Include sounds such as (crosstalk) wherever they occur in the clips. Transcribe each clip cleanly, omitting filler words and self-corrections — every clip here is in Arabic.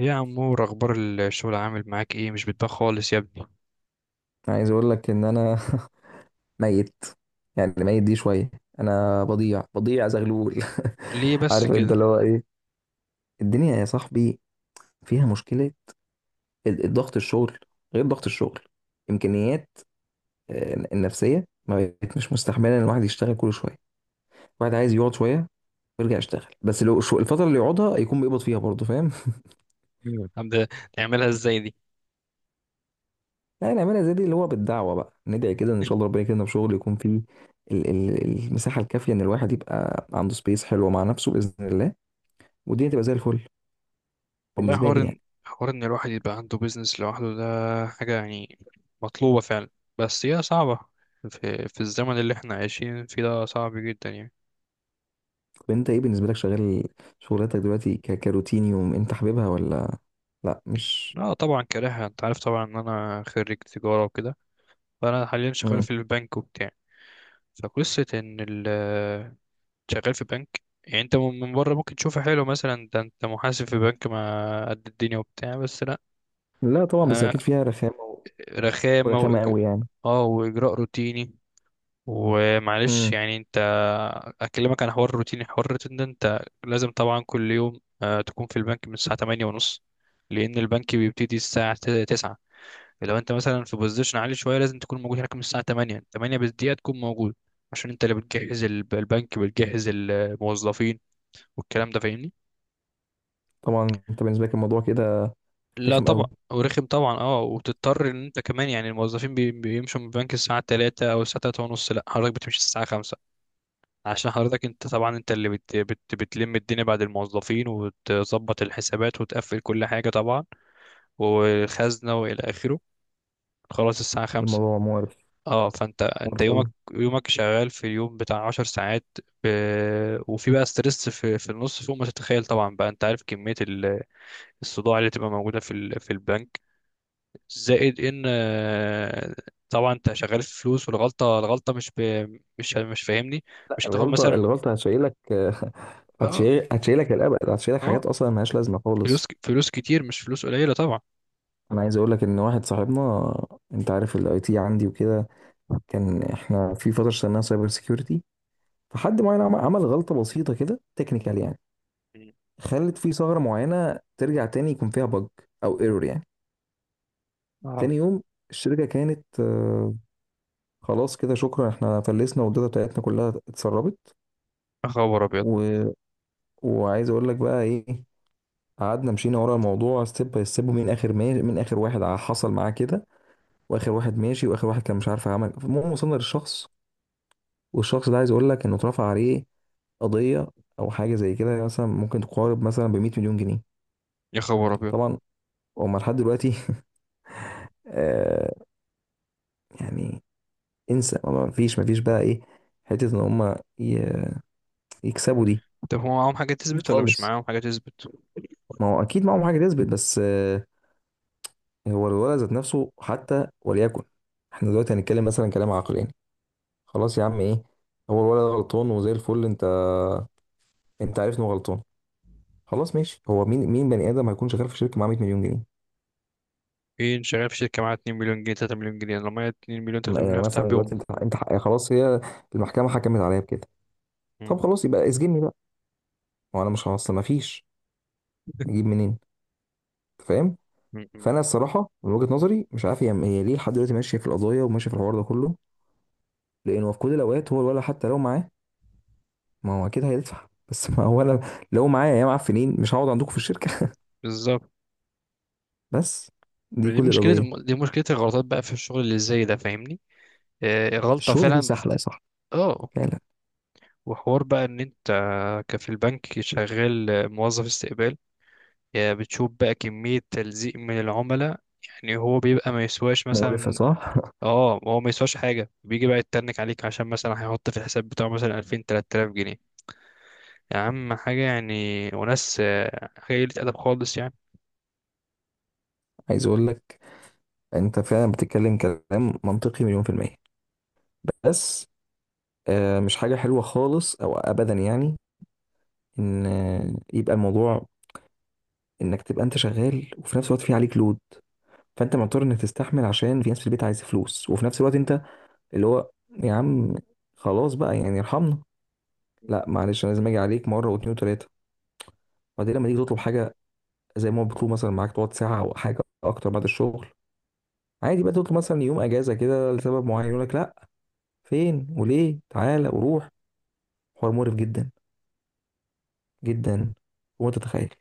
إيه يا عمور، اخبار الشغل؟ عامل معاك ايه؟ مش بتبان خالص يا ابني، عايز اقول لك ان انا (laughs) ميت. يعني ميت دي شويه. انا بضيع بضيع زغلول. ليه (laughs) بس عارف انت كده؟ اللي هو ايه. الدنيا يا صاحبي فيها مشكله، الضغط الشغل غير ضغط الشغل، امكانيات. النفسيه ما بقت مش مستحمله ان الواحد يشتغل كل شويه. الواحد عايز يقعد شويه ويرجع يشتغل، بس لو الفتره اللي يقعدها يكون بيقبض فيها برضه، فاهم. مم. نعملها ازاي دي؟ (laughs) يعني نعملها زي دي اللي هو بالدعوه، بقى ندعي كده ان شاء الله ربنا يكرمنا بشغل يكون فيه المساحه الكافيه، ان الواحد يبقى عنده سبيس حلوه مع نفسه باذن الله، والدنيا تبقى زي الفل، والله بالنسبه لي حوار يعني. إن- حوار ان الواحد يبقى عنده بيزنس لوحده ده، حاجة يعني مطلوبة فعلا، بس هي صعبة في الزمن اللي احنا عايشين فيه، ده صعب جدا يعني. طب انت ايه، بالنسبه لك شغال شغلتك دلوقتي كروتين يوم انت حاببها ولا لا مش. اه طبعا كارهها، انت عارف طبعا ان انا خريج تجارة وكده، فانا حاليا شغال مم. في البنك وبتاع. فقصة ان شغال في بنك، يعني انت من بره ممكن تشوفه حلو، مثلا ده انت محاسب في بنك ما قد الدنيا وبتاع، بس لا. لا طبعا، بس انا اكيد فيها رخامه رخامه ورخامه قوي يعني. اه واجراء روتيني، ومعلش مم. يعني انت، اكلمك عن حوار روتيني. حوار الروتين ده، انت لازم طبعا كل يوم تكون في البنك من الساعه 8 ونص، لان البنك بيبتدي الساعه 9. لو انت مثلا في بوزيشن عالي شويه، لازم تكون موجود هناك من الساعه 8، 8 بالدقيقه تكون موجود، عشان انت اللي بتجهز البنك بتجهز الموظفين والكلام ده، فاهمني؟ طبعا انت بالنسبه لك الموضوع كده لا رخم طبعا، قوي. ورخم طبعا. اه، وتضطر ان انت كمان، يعني الموظفين بيمشوا من البنك الساعه 3 او الساعه 3 ونص، لا حضرتك بتمشي الساعه 5، عشان حضرتك انت طبعا، انت اللي بت بت بتلم الدنيا بعد الموظفين، وتظبط الحسابات وتقفل كل حاجه طبعا، والخزنه والى اخره. خلاص الساعه 5. الموضوع مقرف، اه، فانت مقرف قوي. يومك شغال في اليوم بتاع 10 ساعات. وفي بقى ستريس في النص، فوق ما تتخيل طبعا. بقى انت عارف كميه الصداع اللي تبقى موجوده في البنك، زائد ان طبعا انت شغال في فلوس، والغلطه الغلطه مش فاهمني، مش هتاخد الغلطه مثلا. الغلطه هتشيلك. (laughs) اه، هتشيلك الابد، هتشيلك اه، حاجات اصلا ملهاش لازمه فلوس خالص. فلوس كتير، مش فلوس قليله طبعا. انا عايز اقول لك ان واحد صاحبنا، انت عارف الاي تي عندي وكده، كان احنا في فتره اشتغلناها سايبر سيكيورتي. فحد معين عمل غلطة بسيطة كده تكنيكال يعني، مم. خلت في ثغرة معينة ترجع تاني يكون فيها بج أو ايرور يعني. اه. تاني يوم الشركة كانت، خلاص كده شكرا، احنا فلسنا والداتا بتاعتنا كلها اتسربت يا خبر ابيض! و... وعايز اقول لك بقى ايه، قعدنا مشينا ورا الموضوع ستيب باي ستيب، من اخر ما... من اخر واحد حصل معاه كده، واخر واحد ماشي واخر واحد كان مش عارف عمل. المهم وصلنا للشخص، والشخص ده عايز اقول لك انه اترفع عليه قضية او حاجة زي كده، مثلا ممكن تقارب مثلا ب 100 مليون جنيه. يا خبر ابيض! طبعا، وهم لحد دلوقتي (laughs) آه يعني انسى، ما فيش ما فيش بقى ايه، حته ان هم يكسبوا دي طب هو معاهم حاجه تثبت ولا مش خالص. معاهم حاجه تثبت؟ ما هو اكيد معاهم حاجه تثبت، بس هو الولد ذات نفسه حتى وليكن. احنا دلوقتي هنتكلم مثلا كلام عقلاني يعني. خلاص يا عم ايه، هو الولد ده غلطان وزي الفل، انت عارف انه غلطان، خلاص ماشي. هو مين مين بني ادم هيكون شغال في شركه معاه 100 مليون جنيه؟ ايه، شغال في شركه معاها 2 مليون جنيه، 3 مليون جنيه؟ أنا لو معايا 2 مليون، 3 مليون، يعني هفتح مثلا دلوقتي بيهم. انت خلاص، هي المحكمه حكمت عليا بكده، مم. طب خلاص يبقى اسجني بقى وانا مش هوصل، ما فيش، اجيب منين؟ أنت فاهم. مم. مم. فانا الصراحه من وجهه نظري مش عارف هي ليه لحد دلوقتي ماشيه في القضايا وماشيه في الحوار ده كله. لانه في كل الاوقات هو الولد حتى لو معاه، ما هو اكيد هيدفع، (laughs) بس ما هو انا لو معايا يا معفنين مش هقعد عندكم في الشركه. بالظبط. (laughs) بس دي دي كل مشكله، القضيه. دي مشكله الغلطات بقى في الشغل اللي زي ده، فاهمني؟ آه، غلطه الشغل فيه فعلا. سحله يا صاحبي اه. فعلا. وحوار بقى ان انت كفي البنك شغال موظف استقبال، يا بتشوف بقى كمية تلزيق من العملاء، يعني هو بيبقى ما يسواش مقرفه مثلا، صح. اه، هو ما يسواش حاجة، بيجي بقى يتنك عليك عشان مثلا هيحط في الحساب بتاعه مثلا 2000 3000 جنيه، يا عم حاجة يعني. وناس حاجة قلة أدب خالص يعني. (laughs) عايز اقول لك، انت فعلا بتتكلم كلام منطقي مليون في الميه، بس مش حاجه حلوه خالص او ابدا يعني، ان يبقى الموضوع انك تبقى انت شغال وفي نفس الوقت في عليك لود، فانت مضطر انك تستحمل عشان في ناس في البيت عايزه فلوس، وفي نفس الوقت انت اللي هو يا عم خلاص بقى يعني ارحمنا. لا معلش انا لازم اجي عليك مره واتنين وتلاته، وبعدين لما تيجي تطلب حاجه زي ما هو بيطلب مثلا معاك تقعد ساعه او حاجه اكتر بعد الشغل عادي، بقى تطلب مثلا يوم اجازه كده لسبب معين يقول لك لا، فين وليه، تعالى وروح. حوار مقرف جدا جدا. وانت تتخيل.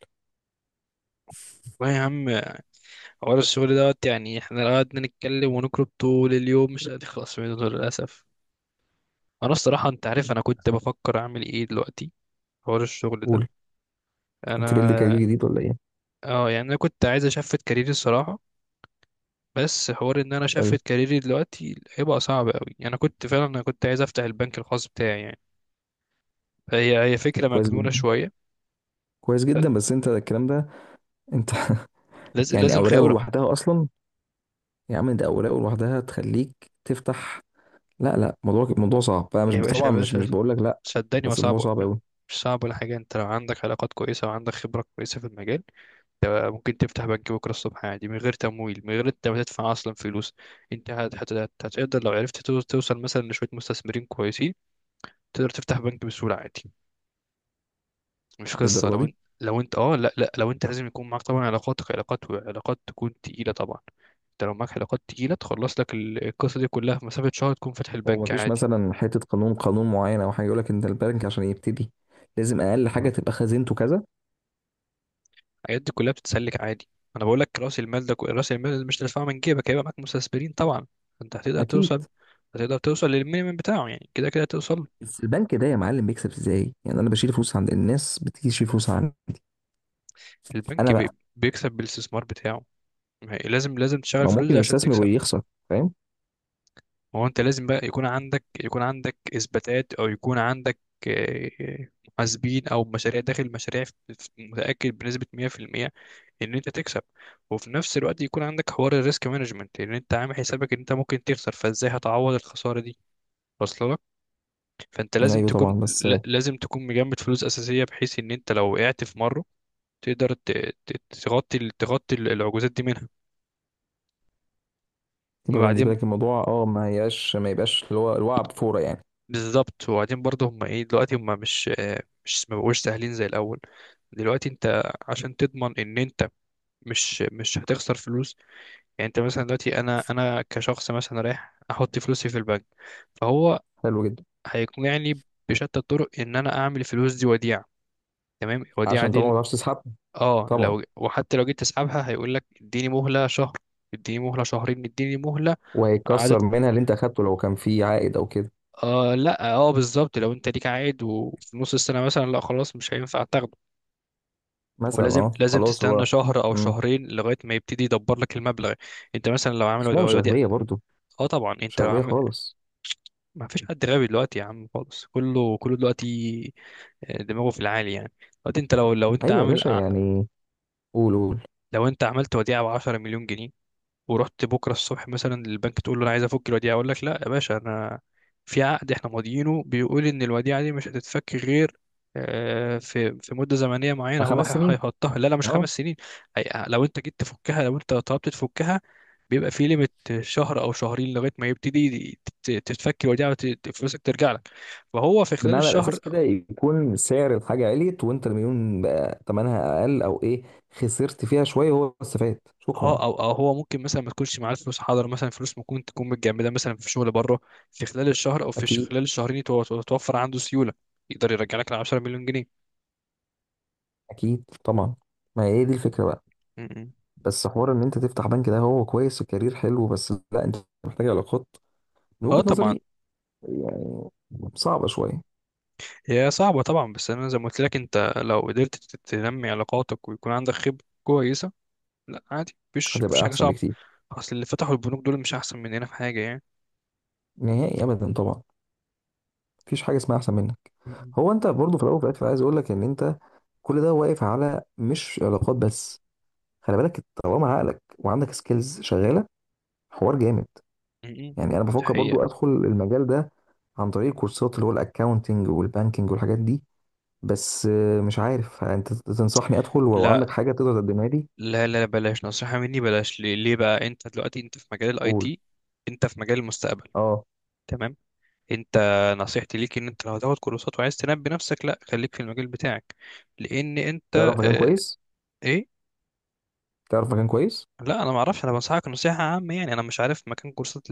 والله يا عم، حوار الشغل دوت. يعني احنا لو قعدنا نتكلم ونكرب طول اليوم، مش هنخلص منه للأسف. أنا الصراحة، أنت عارف أنا كنت بفكر أعمل إيه دلوقتي؟ حوار الشغل ده. قول. انت بيلد انا، كارير جديد ولا ايه؟ اه يعني انا كنت عايز اشفت كاريري الصراحه، بس حوار ان انا اشفت ايوه كاريري دلوقتي هيبقى صعب قوي. انا كنت فعلا، انا كنت عايز افتح البنك الخاص بتاعي يعني، فهي فكره كويس مجنونه جدا، شويه. كويس جدا، بس انت الكلام ده، انت (laughs) لازم يعني لازم اوراقه خبره. لوحدها اصلا. يا عم ده أوراق لوحدها تخليك تفتح. لا لا، موضوع موضوع صعب، فأنا مش يا باشا، يا طبعا، مش باشا، مش بقول لك لا، صدقني بس الموضوع وصعب. صعب أوي. مش صعب ولا حاجه، انت لو عندك علاقات كويسه وعندك خبره كويسه في المجال، انت ممكن تفتح بنك بكره الصبح عادي، من غير تمويل، من غير انت ما تدفع اصلا فلوس. انت هتقدر لو عرفت توصل مثلا لشويه مستثمرين كويسين، تقدر تفتح بنك بسهوله عادي. مش قصة لو للدرجة دي؟ انت لو انت اه لا لا لو انت لازم يكون معاك طبعا علاقاتك، علاقات علاقات تكون تقيلة طبعا. انت لو معاك علاقات تقيلة، تخلص لك القصة دي كلها في مسافة شهر، تكون فاتح هو البنك مفيش عادي. مثلا حتة قانون، قانون معين أو حاجة يقول لك أنت البنك عشان يبتدي لازم أقل حاجة تبقى خزينته كذا؟ الحاجات دي كلها بتتسلك عادي. انا بقول لك، راس المال ده راس المال اللي مش تدفعه من جيبك، هيبقى معاك مستثمرين طبعا. انت هتقدر أكيد. توصل، هتقدر توصل للمينيمم بتاعه، يعني كده كده توصل. بس البنك ده يا معلم بيكسب إزاي؟ يعني أنا بشيل فلوس عند الناس بتيجي تشيل فلوس عندي، البنك أنا بقى بيكسب بالاستثمار بتاعه، ما هي- لازم لازم تشغل ما فلوس ممكن دي عشان يستثمر تكسب. ويخسر، فاهم؟ ما هو انت لازم بقى يكون عندك، اثباتات او يكون عندك آه، محاسبين او مشاريع داخل مشاريع متاكد بنسبه 100% ان انت تكسب، وفي نفس الوقت يكون عندك حوار الريسك مانجمنت، لان انت عامل حسابك ان انت ممكن تخسر، فازاي هتعوض الخساره دي واصله لك؟ فانت لازم أيوه طبعا، تكون، بس لازم تكون مجمد فلوس اساسيه، بحيث ان انت لو وقعت في مره تقدر تغطي العجوزات دي منها. يبقى بالنسبة وبعدين، لك الموضوع ما يبقاش ما يبقاش اللي هو الوعي بفورة يعني. بالظبط. وبعدين برضه هم ايه دلوقتي، هم مش ما بقوش سهلين زي الاول. دلوقتي انت عشان تضمن ان انت مش هتخسر فلوس، يعني انت مثلا دلوقتي، انا كشخص مثلا رايح احط فلوسي في البنك، فهو حلو جدا، هيقنعني بشتى الطرق ان انا اعمل الفلوس دي وديعة. تمام. الوديعة عشان طبعا ما دي، تعرفش تسحب. اه، طبعا، لو، وحتى لو جيت تسحبها، هيقول لك: اديني مهلة شهر، اديني مهلة شهرين، اديني مهلة. وهيتكسر عدد. منها اللي انت اخدته لو كان فيه عائد او كده. آه، لا، اه، بالظبط. لو انت ليك عائد وفي نص السنة مثلا، لا خلاص مش هينفع تاخده. مثلا ولازم اه لازم خلاص تستنى هو، شهر او امم شهرين لغايه ما يبتدي يدبر لك المبلغ. انت مثلا لو بس عامل هم مش وديعه، اغبياء برضه، اه طبعا مش انت لو اغبياء عامل. خالص. (sniffs) ما فيش حد غبي دلوقتي يا عم خالص. كله كله دلوقتي دماغه في العالي يعني. دلوقتي انت لو انت ايوه يا عامل باشا يعني، قول قول. لو انت عملت وديعه ب 10 مليون جنيه، ورحت بكره الصبح مثلا للبنك تقول له: انا عايز افك الوديعه، اقول لك: لا يا باشا، انا في عقد احنا ماضيينه بيقول ان الوديعه دي مش هتتفك غير في مده زمنيه آه، معينه. هو خمس سنين هيحطها لا لا، مش خمس اه. سنين. لو انت جيت تفكها، لو انت طلبت تفكها، بيبقى في ليميت شهر او شهرين لغايه ما يبتدي تتفك الوديعه وفلوسك ترجع لك. فهو في خلال بمعنى الاساس الشهر، كده يكون سعر الحاجه عليت، وانت المليون بقى ثمنها اقل او ايه، خسرت فيها شويه هو استفاد شكرا. اه، او هو ممكن مثلا ما تكونش معاه الفلوس، حاضر، مثلا فلوس ممكن تكون متجمده مثلا في شغل بره، في خلال الشهر او في اكيد. خلال الشهرين يتوفر عنده سيوله، يقدر يرجع لك ال 10 مليون جنيه. اكيد طبعا. ما هي دي الفكره بقى. م- م. بس حوار ان انت تفتح بنك ده هو كويس وكارير حلو، بس لا، انت محتاج علاقات، من اه وجهه طبعا. نظري يعني. صعبه شويه. هي صعبه طبعا، بس انا زي ما قلت لك، انت لو قدرت تنمي علاقاتك ويكون عندك خبره كويسه، لا عادي مفيش هتبقى حاجه احسن صعبه. بكتير. اصل اللي فتحوا البنوك دول مش احسن مننا في حاجه يعني. نهائي ابدا طبعا، مفيش حاجه اسمها احسن منك. م- م. هو انت برضو في الاول وفي الاخر عايز اقول لك ان انت كل ده واقف على مش علاقات بس، خلي بالك طالما عقلك وعندك سكيلز شغاله، حوار جامد. م- يعني انا م. دي بفكر برضو حقيقه. ادخل المجال ده عن طريق كورسات اللي هو الاكاونتنج والبانكينج والحاجات دي، بس مش عارف انت تنصحني ادخل ولو لا عندك حاجه تقدر تقدمها لي. لا لا، بلاش نصيحه مني، بلاش. ليه ليه بقى، انت دلوقتي انت في مجال الاي قول. تي، انت في مجال المستقبل. اه، تمام. انت، نصيحتي ليك ان انت لو هتاخد كورسات وعايز تنمي نفسك، لا، خليك في المجال بتاعك، لان انت تعرف مكان اه. كويس؟ ايه. تعرف مكان كويس؟ لا انا ما اعرفش، انا بنصحك نصيحه عامه يعني، انا مش عارف مكان كورسات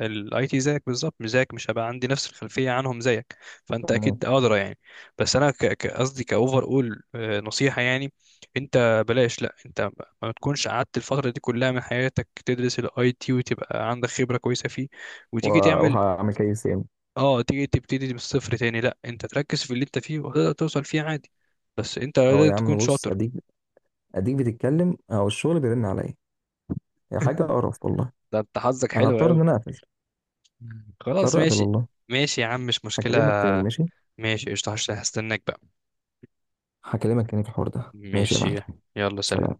الاي تي زيك بالظبط، مش زيك، مش هبقى عندي نفس الخلفيه عنهم زيك، فانت تمام. اكيد ادرى يعني. بس انا قصدي كاوفر اول نصيحه يعني. انت بلاش، لا انت ما تكونش قعدت الفتره دي كلها من حياتك تدرس الاي تي وتبقى عندك خبره كويسه فيه وتيجي تعمل وهعمل كيس يعني. اه، تيجي تبتدي من الصفر تاني. لا، انت تركز في اللي انت فيه وتقدر توصل فيه عادي، بس انت اه لازم يا تكون عم بص، شاطر. اديك بتتكلم او الشغل بيرن عليا، هي حاجه (laughs) قرف والله. ده انت حظك انا حلو اضطر ان قوي. انا اقفل، خلاص اضطر اقفل ماشي. والله. ماشي يا عم، مش مشكلة. هكلمك تاني، ماشي. ماشي قشطة، هستناك بقى. هكلمك تاني في الحوار ده، ماشي يا ماشي. معلم. يلا سلام. سلام.